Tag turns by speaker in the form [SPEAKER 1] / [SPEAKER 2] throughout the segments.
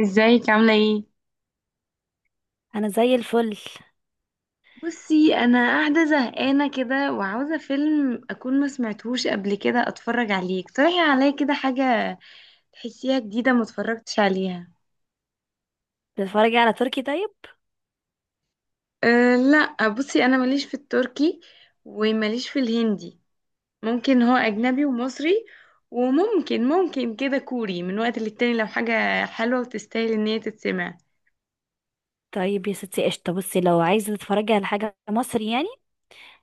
[SPEAKER 1] ازيك عاملة ايه؟
[SPEAKER 2] انا زي الفل.
[SPEAKER 1] بصي، انا قاعده زهقانه كده وعاوزه فيلم اكون ما سمعتهوش قبل كده اتفرج عليه. اقترحي عليا كده حاجه تحسيها جديده ما اتفرجتش عليها.
[SPEAKER 2] بتتفرجي على تركي طيب؟
[SPEAKER 1] أه لا، بصي انا ماليش في التركي، وماليش في الهندي. ممكن هو اجنبي ومصري، وممكن كده كوري من وقت للتاني لو حاجه حلوه وتستاهل ان هي تتسمع.
[SPEAKER 2] طيب يا ستي، قشطه. بصي، لو عايزه تتفرجي على حاجه مصري يعني،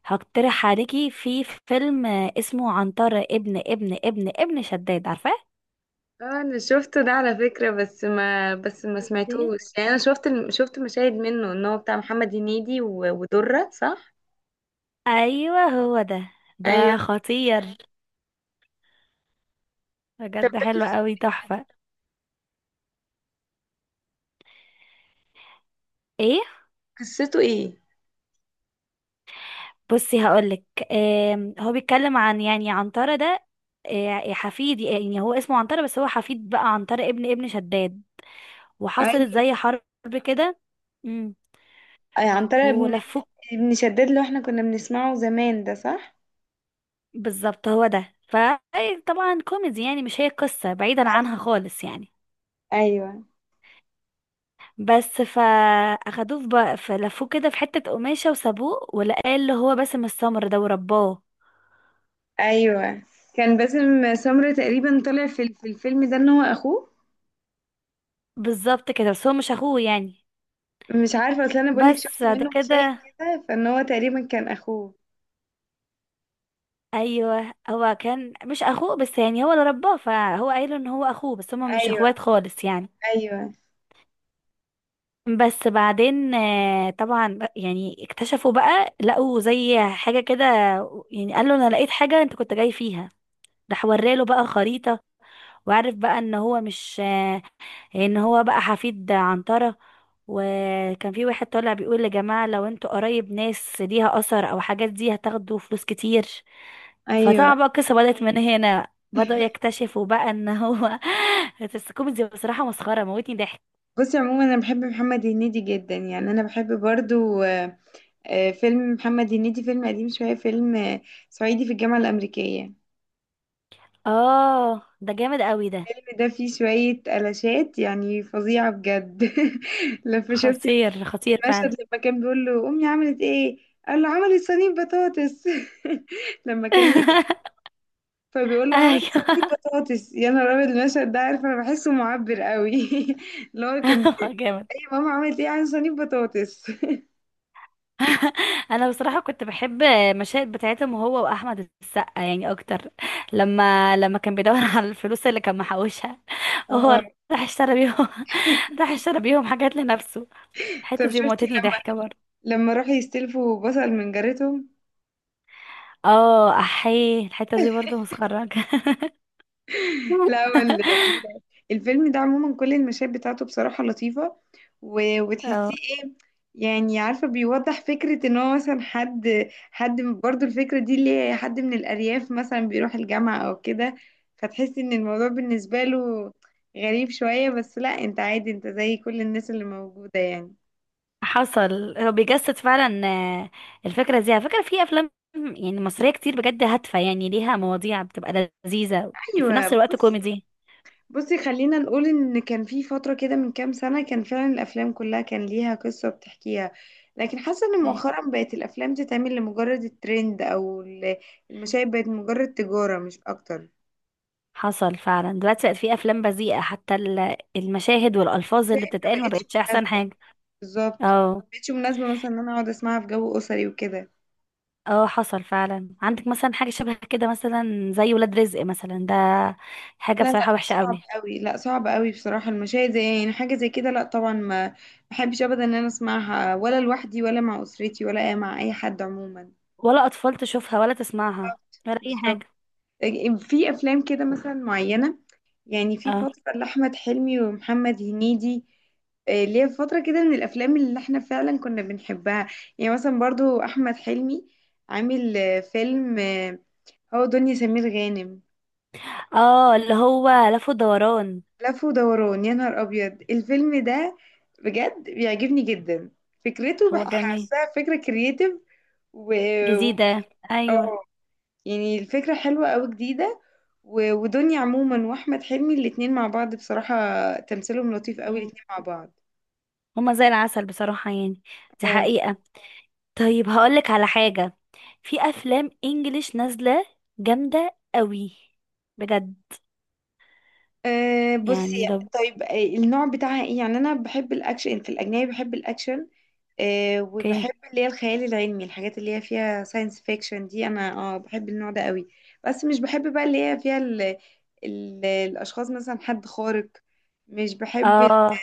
[SPEAKER 2] هقترح عليكي في فيلم، اسمه عنتر ابن ابن ابن ابن شداد. عارفاه؟
[SPEAKER 1] اه انا شفته ده على فكرة، بس ما
[SPEAKER 2] إيه؟
[SPEAKER 1] سمعتوش يعني. انا شفت شفت مشاهد منه ان هو بتاع محمد هنيدي ودرة، صح؟
[SPEAKER 2] ايوه، هو ده
[SPEAKER 1] ايوه.
[SPEAKER 2] ده خطير،
[SPEAKER 1] طب
[SPEAKER 2] بجد
[SPEAKER 1] ده
[SPEAKER 2] حلو قوي، تحفه. ايه؟
[SPEAKER 1] قصته ايه؟
[SPEAKER 2] بصي هقولك. هو بيتكلم عن يعني عنترة ده. حفيد. يعني هو اسمه عنترة، بس هو حفيد بقى عنترة ابن ابن شداد. وحصلت
[SPEAKER 1] ايوه،
[SPEAKER 2] زي حرب كده. امم
[SPEAKER 1] أي عن طريق ابن
[SPEAKER 2] ولفوه.
[SPEAKER 1] ابن شداد اللي احنا كنا بنسمعه زمان ده، صح؟
[SPEAKER 2] بالظبط، هو ده. فطبعا كوميدي يعني، مش هي قصة بعيدا عنها خالص يعني.
[SPEAKER 1] ايوه
[SPEAKER 2] بس فاخدوه في فلفوه كده في حتة قماشة وسابوه، ولقاه اللي هو باسم السمر ده ورباه.
[SPEAKER 1] ايوه. كان باسم سمرة تقريبا طلع في في الفيلم ده ان هو اخوه.
[SPEAKER 2] بالظبط كده، بس هو مش اخوه يعني.
[SPEAKER 1] مش عارفه، اصل انا بقولك
[SPEAKER 2] بس
[SPEAKER 1] شفت
[SPEAKER 2] بعد
[SPEAKER 1] منه مشاهد
[SPEAKER 2] كده،
[SPEAKER 1] كده فان هو تقريبا كان اخوه.
[SPEAKER 2] ايوه، هو كان مش اخوه، بس يعني هو اللي رباه، فهو قايله ان هو اخوه، بس هما مش
[SPEAKER 1] ايوه.
[SPEAKER 2] اخوات خالص يعني.
[SPEAKER 1] ايوه.
[SPEAKER 2] بس بعدين طبعا يعني اكتشفوا بقى، لقوا زي حاجة كده. يعني قال له، انا لقيت حاجة انت كنت جاي فيها. راح وراله بقى خريطة، وعرف بقى ان هو مش، ان هو بقى حفيد عنترة. وكان في واحد طالع بيقول، يا جماعة لو انتوا قرايب ناس ليها اثر او حاجات دي، هتاخدوا فلوس كتير.
[SPEAKER 1] ايوه.
[SPEAKER 2] فطبعا بقى القصة بدأت من هنا، بدأوا يكتشفوا بقى ان هو بس كوميدي بصراحة، مسخرة، موتني ضحك.
[SPEAKER 1] بصي، عموما انا بحب محمد هنيدي جدا يعني، انا بحب برضو فيلم محمد هنيدي، فيلم قديم شويه، فيلم صعيدي في الجامعه الامريكيه.
[SPEAKER 2] اه، ده جامد قوي ده.
[SPEAKER 1] الفيلم ده فيه شويه قلاشات يعني فظيعه بجد. لما شفتي
[SPEAKER 2] خطير خطير فعلا.
[SPEAKER 1] المشهد لما كان بيقول له امي عملت ايه؟ قال له عملت صينيه بطاطس. لما كان نجح فبيقول له عملت صينيه
[SPEAKER 2] ايوه.
[SPEAKER 1] بطاطس، يا نهار ابيض! المشهد ده عارفه أنا بحسه معبر قوي. اللي هو كنت،
[SPEAKER 2] جامد.
[SPEAKER 1] ايه ماما عملت ايه، عن صينيه بطاطس.
[SPEAKER 2] انا بصراحه كنت بحب مشاهد بتاعتهم هو واحمد السقا يعني اكتر. لما كان بيدور على الفلوس اللي كان محوشها،
[SPEAKER 1] اه.
[SPEAKER 2] وهو راح اشترى بيهم راح اشترى بيهم حاجات لنفسه. الحته
[SPEAKER 1] طب
[SPEAKER 2] دي
[SPEAKER 1] شفتي
[SPEAKER 2] موتتني ضحكه برضه.
[SPEAKER 1] لما راحوا يستلفوا بصل من جارتهم؟
[SPEAKER 2] اه، احيه، الحته دي برضه مسخرجه.
[SPEAKER 1] لا، هو الفيلم ده عموما كل المشاهد بتاعته بصراحة لطيفة، وتحسيه
[SPEAKER 2] اه،
[SPEAKER 1] يعني، عارفة بيوضح فكرة ان هو مثلا حد برضو، الفكرة دي اللي هي حد من الأرياف مثلا بيروح الجامعة او كده، فتحس ان الموضوع بالنسبة له غريب شوية، بس لا، انت عادي، انت زي كل الناس اللي موجودة يعني.
[SPEAKER 2] حصل. هو بيجسد فعلا، الفكره دي على فكره في افلام يعني مصريه كتير بجد هادفه، يعني ليها مواضيع بتبقى لذيذه، في
[SPEAKER 1] ايوه.
[SPEAKER 2] نفس الوقت
[SPEAKER 1] بصي
[SPEAKER 2] كوميدي.
[SPEAKER 1] بصي، خلينا نقول ان كان في فترة كده من كام سنة كان فعلا الافلام كلها كان ليها قصة بتحكيها، لكن حاسة ان مؤخرا بقت الافلام تتعمل لمجرد الترند او المشاهد بقت مجرد تجارة مش اكتر.
[SPEAKER 2] حصل فعلا، دلوقتي بقت في افلام بذيئه، حتى المشاهد والالفاظ اللي
[SPEAKER 1] شايف، ما
[SPEAKER 2] بتتقال ما
[SPEAKER 1] بقتش
[SPEAKER 2] بقتش احسن
[SPEAKER 1] مناسبة.
[SPEAKER 2] حاجه.
[SPEAKER 1] بالظبط،
[SPEAKER 2] اه.
[SPEAKER 1] ما بقتش مناسبة مثلا ان انا اقعد اسمعها في جو اسري وكده.
[SPEAKER 2] اه، حصل فعلا. عندك مثلا حاجه شبه كده مثلا زي ولاد رزق مثلا ده، حاجه
[SPEAKER 1] لا لا،
[SPEAKER 2] بصراحه وحشه
[SPEAKER 1] صعب
[SPEAKER 2] قوي.
[SPEAKER 1] قوي، لا صعب قوي بصراحة. المشاهد زي يعني حاجة زي كده لا طبعا، ما بحبش ابدا ان انا اسمعها، ولا لوحدي، ولا مع اسرتي، ولا مع اي حد عموما.
[SPEAKER 2] ولا اطفال تشوفها ولا تسمعها،
[SPEAKER 1] بالظبط.
[SPEAKER 2] ولا اي
[SPEAKER 1] بالظبط.
[SPEAKER 2] حاجه.
[SPEAKER 1] في افلام كده مثلا معينه، يعني في
[SPEAKER 2] اه.
[SPEAKER 1] فتره لاحمد حلمي ومحمد هنيدي، ليه فتره كده من الافلام اللي احنا فعلا كنا بنحبها. يعني مثلا برضو احمد حلمي عامل فيلم، هو دنيا سمير غانم.
[SPEAKER 2] اه، اللي هو لف ودوران.
[SPEAKER 1] لف ودوران، يا نهار ابيض الفيلم ده، بجد بيعجبني جدا. فكرته
[SPEAKER 2] هو جميل.
[SPEAKER 1] حاساها فكره كرييتيف، و...
[SPEAKER 2] جديدة.
[SPEAKER 1] وبي...
[SPEAKER 2] ايوه.
[SPEAKER 1] يعني الفكرة حلوة أوي، جديدة. ودنيا عموما وأحمد حلمي الاتنين مع بعض بصراحة تمثيلهم لطيف أوي
[SPEAKER 2] مم.
[SPEAKER 1] الاتنين مع بعض.
[SPEAKER 2] هما زي العسل بصراحة يعني. دي
[SPEAKER 1] اه.
[SPEAKER 2] حقيقة. طيب، هقولك على حاجة، في أفلام إنجليش نازلة جامدة قوي بجد.
[SPEAKER 1] بصي.
[SPEAKER 2] يعني لو...
[SPEAKER 1] طيب، النوع بتاعها ايه؟ يعني انا بحب الاكشن في الاجنبي، بحب الاكشن. وبحب
[SPEAKER 2] اوكي.
[SPEAKER 1] اللي هي الخيال العلمي، الحاجات اللي هي فيها ساينس فيكشن دي انا اه بحب النوع ده قوي. بس مش بحب بقى اللي هي فيها ال الاشخاص مثلا حد خارق. مش بحب
[SPEAKER 2] اه،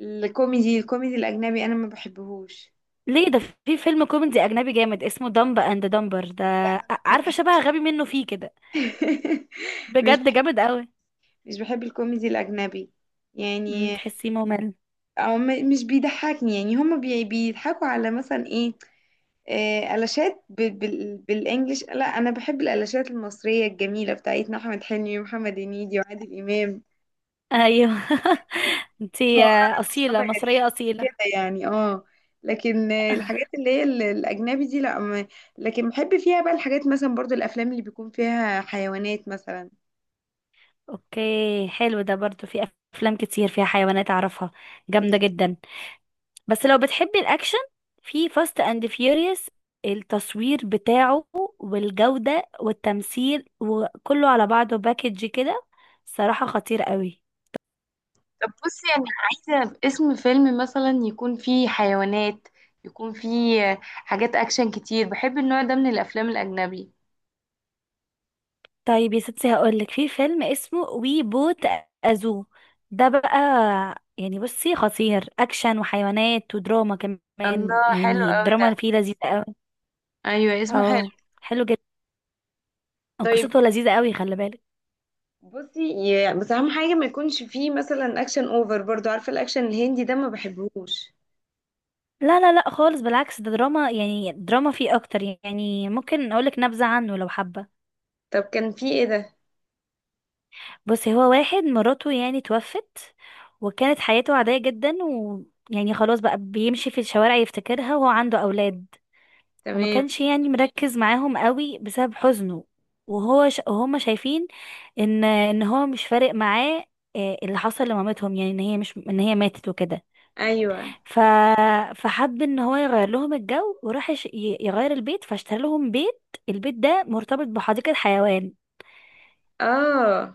[SPEAKER 1] الكوميدي الاجنبي، انا ما بحبهوش.
[SPEAKER 2] ليه ده؟ في فيلم كوميدي أجنبي جامد اسمه دمب أند دمبر ده.
[SPEAKER 1] لا لا لا، ما
[SPEAKER 2] عارفة شبه غبي منه فيه كده،
[SPEAKER 1] بحبش. مش
[SPEAKER 2] بجد
[SPEAKER 1] بحب،
[SPEAKER 2] جامد قوي.
[SPEAKER 1] مش بحب الكوميدي الأجنبي يعني.
[SPEAKER 2] تحسيه ممل؟
[SPEAKER 1] أو مش بيضحكني، يعني هما بيضحكوا على مثلا إيه؟ قلاشات بالإنجليش. لا، أنا بحب القلاشات المصرية الجميلة بتاعتنا، أحمد حلمي ومحمد هنيدي وعادل إمام.
[SPEAKER 2] أيوه. انتي،
[SPEAKER 1] مؤخرا مصطفى
[SPEAKER 2] أصيلة، مصرية
[SPEAKER 1] غريب،
[SPEAKER 2] أصيلة.
[SPEAKER 1] كده يعني. اه. لكن الحاجات اللي هي الأجنبي دي لا لكن بحب فيها بقى الحاجات مثلا برضو الأفلام اللي بيكون فيها حيوانات مثلا.
[SPEAKER 2] اوكي حلو ده، برضو في أفلام كتير فيها حيوانات أعرفها، جامدة جدا. بس لو بتحبي الاكشن، في فاست اند فيوريوس. التصوير بتاعه والجودة والتمثيل وكله على بعضه باكج كده، صراحة خطير قوي.
[SPEAKER 1] طب بصي، انا عايزه اسم فيلم مثلا يكون فيه حيوانات، يكون فيه حاجات اكشن كتير، بحب النوع ده من الافلام الاجنبي.
[SPEAKER 2] طيب يا ستي، هقولك، في فيلم اسمه وي بوت ازو. ده بقى، يعني بصي خطير، اكشن وحيوانات ودراما كمان،
[SPEAKER 1] الله، حلو
[SPEAKER 2] يعني
[SPEAKER 1] قوي
[SPEAKER 2] الدراما
[SPEAKER 1] ده.
[SPEAKER 2] اللي فيه لذيذة قوي.
[SPEAKER 1] ايوه اسمه حلو.
[SPEAKER 2] اه، حلو جدا.
[SPEAKER 1] طيب،
[SPEAKER 2] قصته لذيذة قوي، خلي بالك.
[SPEAKER 1] بصي بس اهم حاجه ما يكونش فيه مثلا اكشن اوفر، برضو عارفه الاكشن الهندي ده ما بحبهوش.
[SPEAKER 2] لا لا لا خالص، بالعكس، ده دراما يعني، دراما فيه اكتر، يعني ممكن اقولك نبذة عنه لو حابة.
[SPEAKER 1] طب كان فيه ايه ده؟
[SPEAKER 2] بصي، هو واحد مراته يعني توفت، وكانت حياته عادية جدا، ويعني خلاص بقى بيمشي في الشوارع يفتكرها، وهو عنده اولاد. وما
[SPEAKER 1] تمام.
[SPEAKER 2] كانش يعني مركز معاهم قوي بسبب حزنه. وهو وهما شايفين ان هو مش فارق معاه، اللي حصل لمامتهم، يعني ان هي، مش ان هي ماتت وكده.
[SPEAKER 1] ايوه.
[SPEAKER 2] ف... فحب ان هو يغير لهم الجو، وراح يغير البيت، فاشترى لهم بيت. البيت ده مرتبط بحديقة حيوان.
[SPEAKER 1] اه.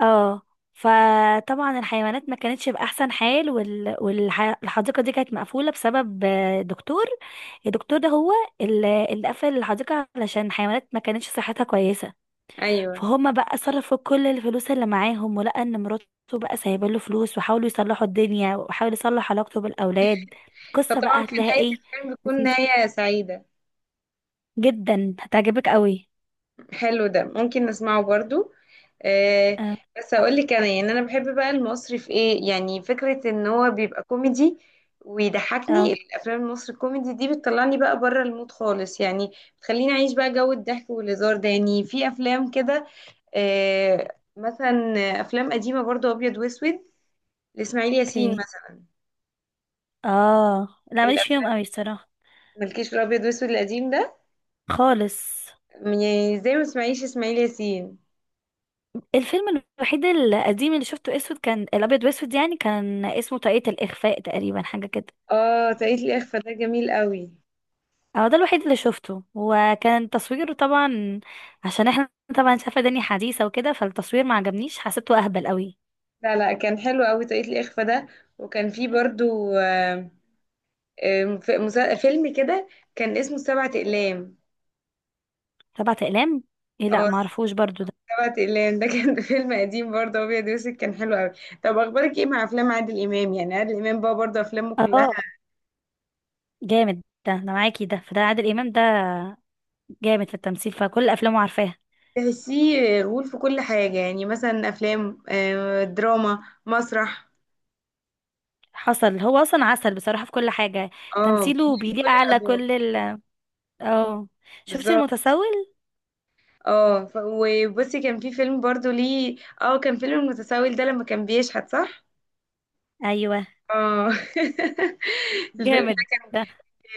[SPEAKER 2] اه. فطبعا الحيوانات ما كانتش بأحسن حال، والحديقة دي كانت مقفولة بسبب، دكتور. الدكتور ده هو اللي قفل الحديقة علشان الحيوانات ما كانتش صحتها كويسة.
[SPEAKER 1] ايوه.
[SPEAKER 2] فهم بقى صرفوا كل الفلوس اللي معاهم، ولقى ان مراته بقى سايبه له فلوس، وحاولوا يصلحوا الدنيا، وحاولوا يصلح علاقته بالاولاد. قصه بقى
[SPEAKER 1] فطبعا في
[SPEAKER 2] هتلاقيها
[SPEAKER 1] نهايه
[SPEAKER 2] ايه.
[SPEAKER 1] الفيلم بتكون
[SPEAKER 2] لذيذة
[SPEAKER 1] نهايه سعيده.
[SPEAKER 2] جدا، هتعجبك قوي.
[SPEAKER 1] حلو ده، ممكن نسمعه برضو. آه،
[SPEAKER 2] اه.
[SPEAKER 1] بس اقول لك انا يعني، انا بحب بقى المصري في ايه، يعني فكره ان هو بيبقى كوميدي
[SPEAKER 2] آه،
[SPEAKER 1] ويضحكني. الافلام المصري الكوميدي دي بتطلعني بقى بره المود خالص يعني، بتخليني اعيش بقى جو الضحك والهزار ده. يعني في افلام كده، آه، مثلا افلام قديمه برضو ابيض واسود لاسماعيل ياسين
[SPEAKER 2] اوكي.
[SPEAKER 1] مثلا.
[SPEAKER 2] اه لا، ماليش فيهم
[SPEAKER 1] الافلام،
[SPEAKER 2] قوي الصراحه،
[SPEAKER 1] مالكيش في الابيض واسود القديم ده؟
[SPEAKER 2] خالص.
[SPEAKER 1] يعني زي ما تسمعيش اسماعيل ياسين.
[SPEAKER 2] الفيلم الوحيد القديم اللي شفته اسود كان الابيض واسود يعني، كان اسمه طاقية الاخفاء تقريبا، حاجه كده.
[SPEAKER 1] اه، تقيت الاخفاء ده جميل قوي.
[SPEAKER 2] هو ده الوحيد اللي شفته، وكان تصويره طبعا، عشان احنا طبعا شايفه دنيا حديثه وكده، فالتصوير ما عجبنيش، حسيته اهبل قوي.
[SPEAKER 1] لا لا، كان حلو قوي طريقة الإخفاء ده. وكان فيه برضو فيلم كده كان اسمه سبعة أقلام.
[SPEAKER 2] سبعة اقلام؟ ايه، لا
[SPEAKER 1] اه
[SPEAKER 2] ما عرفوش برضو ده.
[SPEAKER 1] سبعة أقلام ده كان فيلم قديم برضه أبيض وأسود كان حلو قوي. طب أخبارك إيه مع أفلام عادل إمام؟ يعني عادل إمام بقى برضه أفلامه كلها
[SPEAKER 2] اه، جامد ده، انا معاكي. ده فده عادل امام ده، جامد في التمثيل، فكل افلامه عارفاها.
[SPEAKER 1] تحسيه غول في كل حاجة. يعني مثلا أفلام دراما، مسرح.
[SPEAKER 2] حصل. هو اصلا عسل بصراحه في كل حاجه.
[SPEAKER 1] اه،
[SPEAKER 2] تمثيله
[SPEAKER 1] بيليه في كل
[SPEAKER 2] بيليق على
[SPEAKER 1] الأدوار.
[SPEAKER 2] كل ال... اه. شفت
[SPEAKER 1] بالظبط.
[SPEAKER 2] المتسول.
[SPEAKER 1] اه وبصي، كان في فيلم برضه ليه، اه كان فيلم المتسول ده لما كان بيشحت، صح؟
[SPEAKER 2] ايوه،
[SPEAKER 1] اه. الفيلم ده
[SPEAKER 2] جامد ده.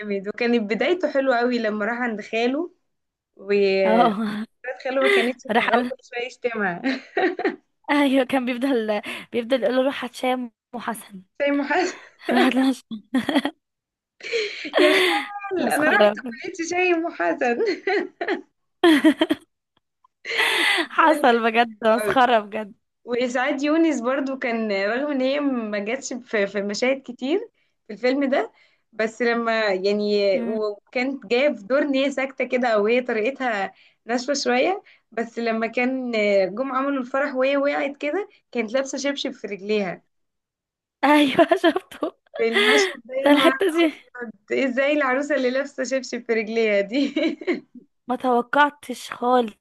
[SPEAKER 1] جامد، وكانت بدايته حلوة قوي لما راح عند خاله و
[SPEAKER 2] اه.
[SPEAKER 1] بنت خاله ما كانتش
[SPEAKER 2] راح
[SPEAKER 1] طايقاه،
[SPEAKER 2] قال،
[SPEAKER 1] كل شوية يشتمها.
[SPEAKER 2] ايوه، كان بيفضل يقول له، روح هتشام وحسن.
[SPEAKER 1] شايم حسن.
[SPEAKER 2] راح...
[SPEAKER 1] يا خال انا
[SPEAKER 2] مسخرة
[SPEAKER 1] رحت ما
[SPEAKER 2] بجد.
[SPEAKER 1] لقيتش شايم حسن.
[SPEAKER 2] حصل بجد،
[SPEAKER 1] قوي.
[SPEAKER 2] مسخرة بجد.
[SPEAKER 1] وإسعاد يونس برضو كان، رغم إن هي ما جاتش في مشاهد كتير في الفيلم ده، بس لما يعني،
[SPEAKER 2] مم.
[SPEAKER 1] وكانت جاية في دور إن هي ساكتة كده أو هي طريقتها ناشفة شوية. بس لما كان جم عملوا الفرح وهي وقعت كده كانت لابسة شبشب في رجليها.
[SPEAKER 2] ايوه. شفته.
[SPEAKER 1] في المشهد ده، يا
[SPEAKER 2] ده
[SPEAKER 1] نهار
[SPEAKER 2] الحتة دي.
[SPEAKER 1] أبيض، إزاي العروسة اللي لابسة شبشب في رجليها دي؟
[SPEAKER 2] ما توقعتش خالص.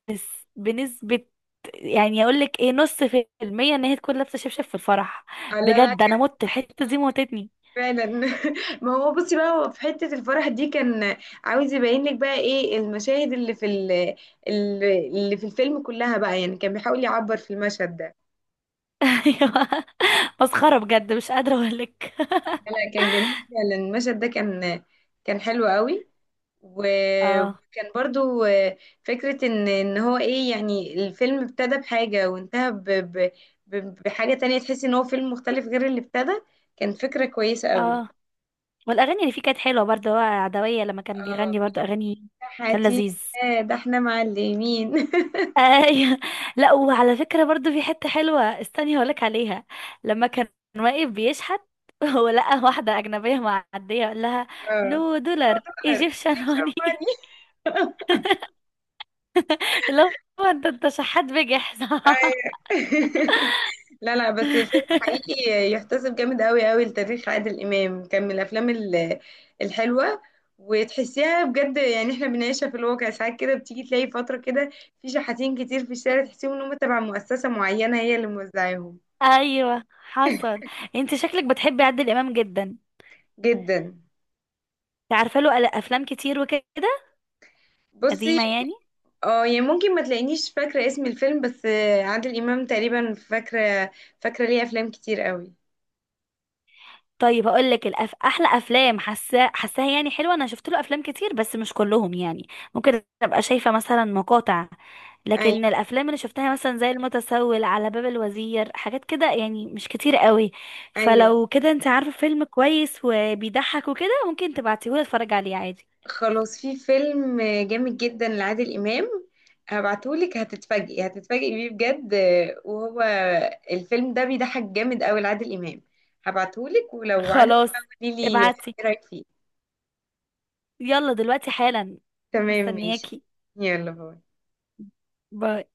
[SPEAKER 2] بنسبة يعني، اقول لك ايه، نص في المية ان هي تكون لابسة شبشب في الفرح.
[SPEAKER 1] لا لا،
[SPEAKER 2] بجد انا مت، الحتة دي موتتني.
[SPEAKER 1] فعلا. ما هو بصي بقى، هو في حتة الفرح دي كان عاوز يبين لك بقى ايه المشاهد اللي في اللي في الفيلم كلها بقى، يعني كان بيحاول يعبر في المشهد ده.
[SPEAKER 2] ايوه، مسخرة بجد، مش قادرة اقول لك.
[SPEAKER 1] لا لا، كان جميل فعلا المشهد ده كان حلو قوي.
[SPEAKER 2] اه.
[SPEAKER 1] وكان برضو فكرة ان هو ايه يعني، الفيلم ابتدى بحاجة وانتهى بحاجة تانية. تحس ان هو فيلم مختلف غير اللي ابتدى، كان فكرة كويسة قوي.
[SPEAKER 2] اه، والاغاني اللي فيه كانت حلوة برضه، هو عدوية لما كان
[SPEAKER 1] اه.
[SPEAKER 2] بيغني برضه اغاني، كان
[SPEAKER 1] حياتي.
[SPEAKER 2] لذيذ.
[SPEAKER 1] ده احنا معلمين.
[SPEAKER 2] ايوه. لا، وعلى فكره برضو في حته حلوه، استني هقولك عليها. لما كان واقف بيشحت ولقى واحده اجنبيه معديه، قال لها،
[SPEAKER 1] اه.
[SPEAKER 2] نو
[SPEAKER 1] هو
[SPEAKER 2] دولار
[SPEAKER 1] دولار
[SPEAKER 2] ايجيبشن
[SPEAKER 1] تمشي
[SPEAKER 2] هوني.
[SPEAKER 1] أموالي.
[SPEAKER 2] اللي هو، انت شحات بجح صح؟
[SPEAKER 1] أيوة. لا لا، بس فيلم حقيقي يحتسب جامد قوي قوي لتاريخ عادل إمام، كان من الأفلام الحلوة، وتحسيها بجد يعني احنا بنعيشها في الواقع ساعات كده. بتيجي تلاقي فترة كده في شحاتين كتير في الشارع تحسيهم ان هم تبع مؤسسة معينة هي اللي موزعاهم.
[SPEAKER 2] ايوه، حصل. انت شكلك بتحبي عادل امام جدا انت،
[SPEAKER 1] جدا.
[SPEAKER 2] عارفه له افلام كتير وكده،
[SPEAKER 1] بصي
[SPEAKER 2] قديمه يعني.
[SPEAKER 1] اه يعني، ممكن ما تلاقينيش فاكرة اسم الفيلم، بس عادل إمام تقريبا فاكرة، فاكرة ليه أفلام كتير قوي.
[SPEAKER 2] طيب هقول لك احلى افلام حاساها يعني حلوه، انا شفت له افلام كتير بس مش كلهم يعني، ممكن ابقى شايفه مثلا مقاطع، لكن
[SPEAKER 1] ايوه.
[SPEAKER 2] الافلام اللي شفتها مثلا زي المتسول، على باب الوزير، حاجات كده يعني مش كتير قوي.
[SPEAKER 1] ايوه.
[SPEAKER 2] فلو كده انت عارفه فيلم كويس وبيضحك وكده، ممكن تبعتيهولي اتفرج عليه عادي.
[SPEAKER 1] خلاص. في فيلم جامد جدا لعادل إمام هبعتهولك، هتتفاجئي هتتفاجئي بيه بجد. وهو الفيلم ده بيضحك جامد قوي لعادل إمام، هبعتهولك ولو عجبك بقى
[SPEAKER 2] خلاص،
[SPEAKER 1] قوليلي ايه
[SPEAKER 2] ابعتي،
[SPEAKER 1] رأيك فيه.
[SPEAKER 2] يلا دلوقتي حالا.
[SPEAKER 1] تمام ماشي.
[SPEAKER 2] مستنياكي.
[SPEAKER 1] يلا باي.
[SPEAKER 2] باي.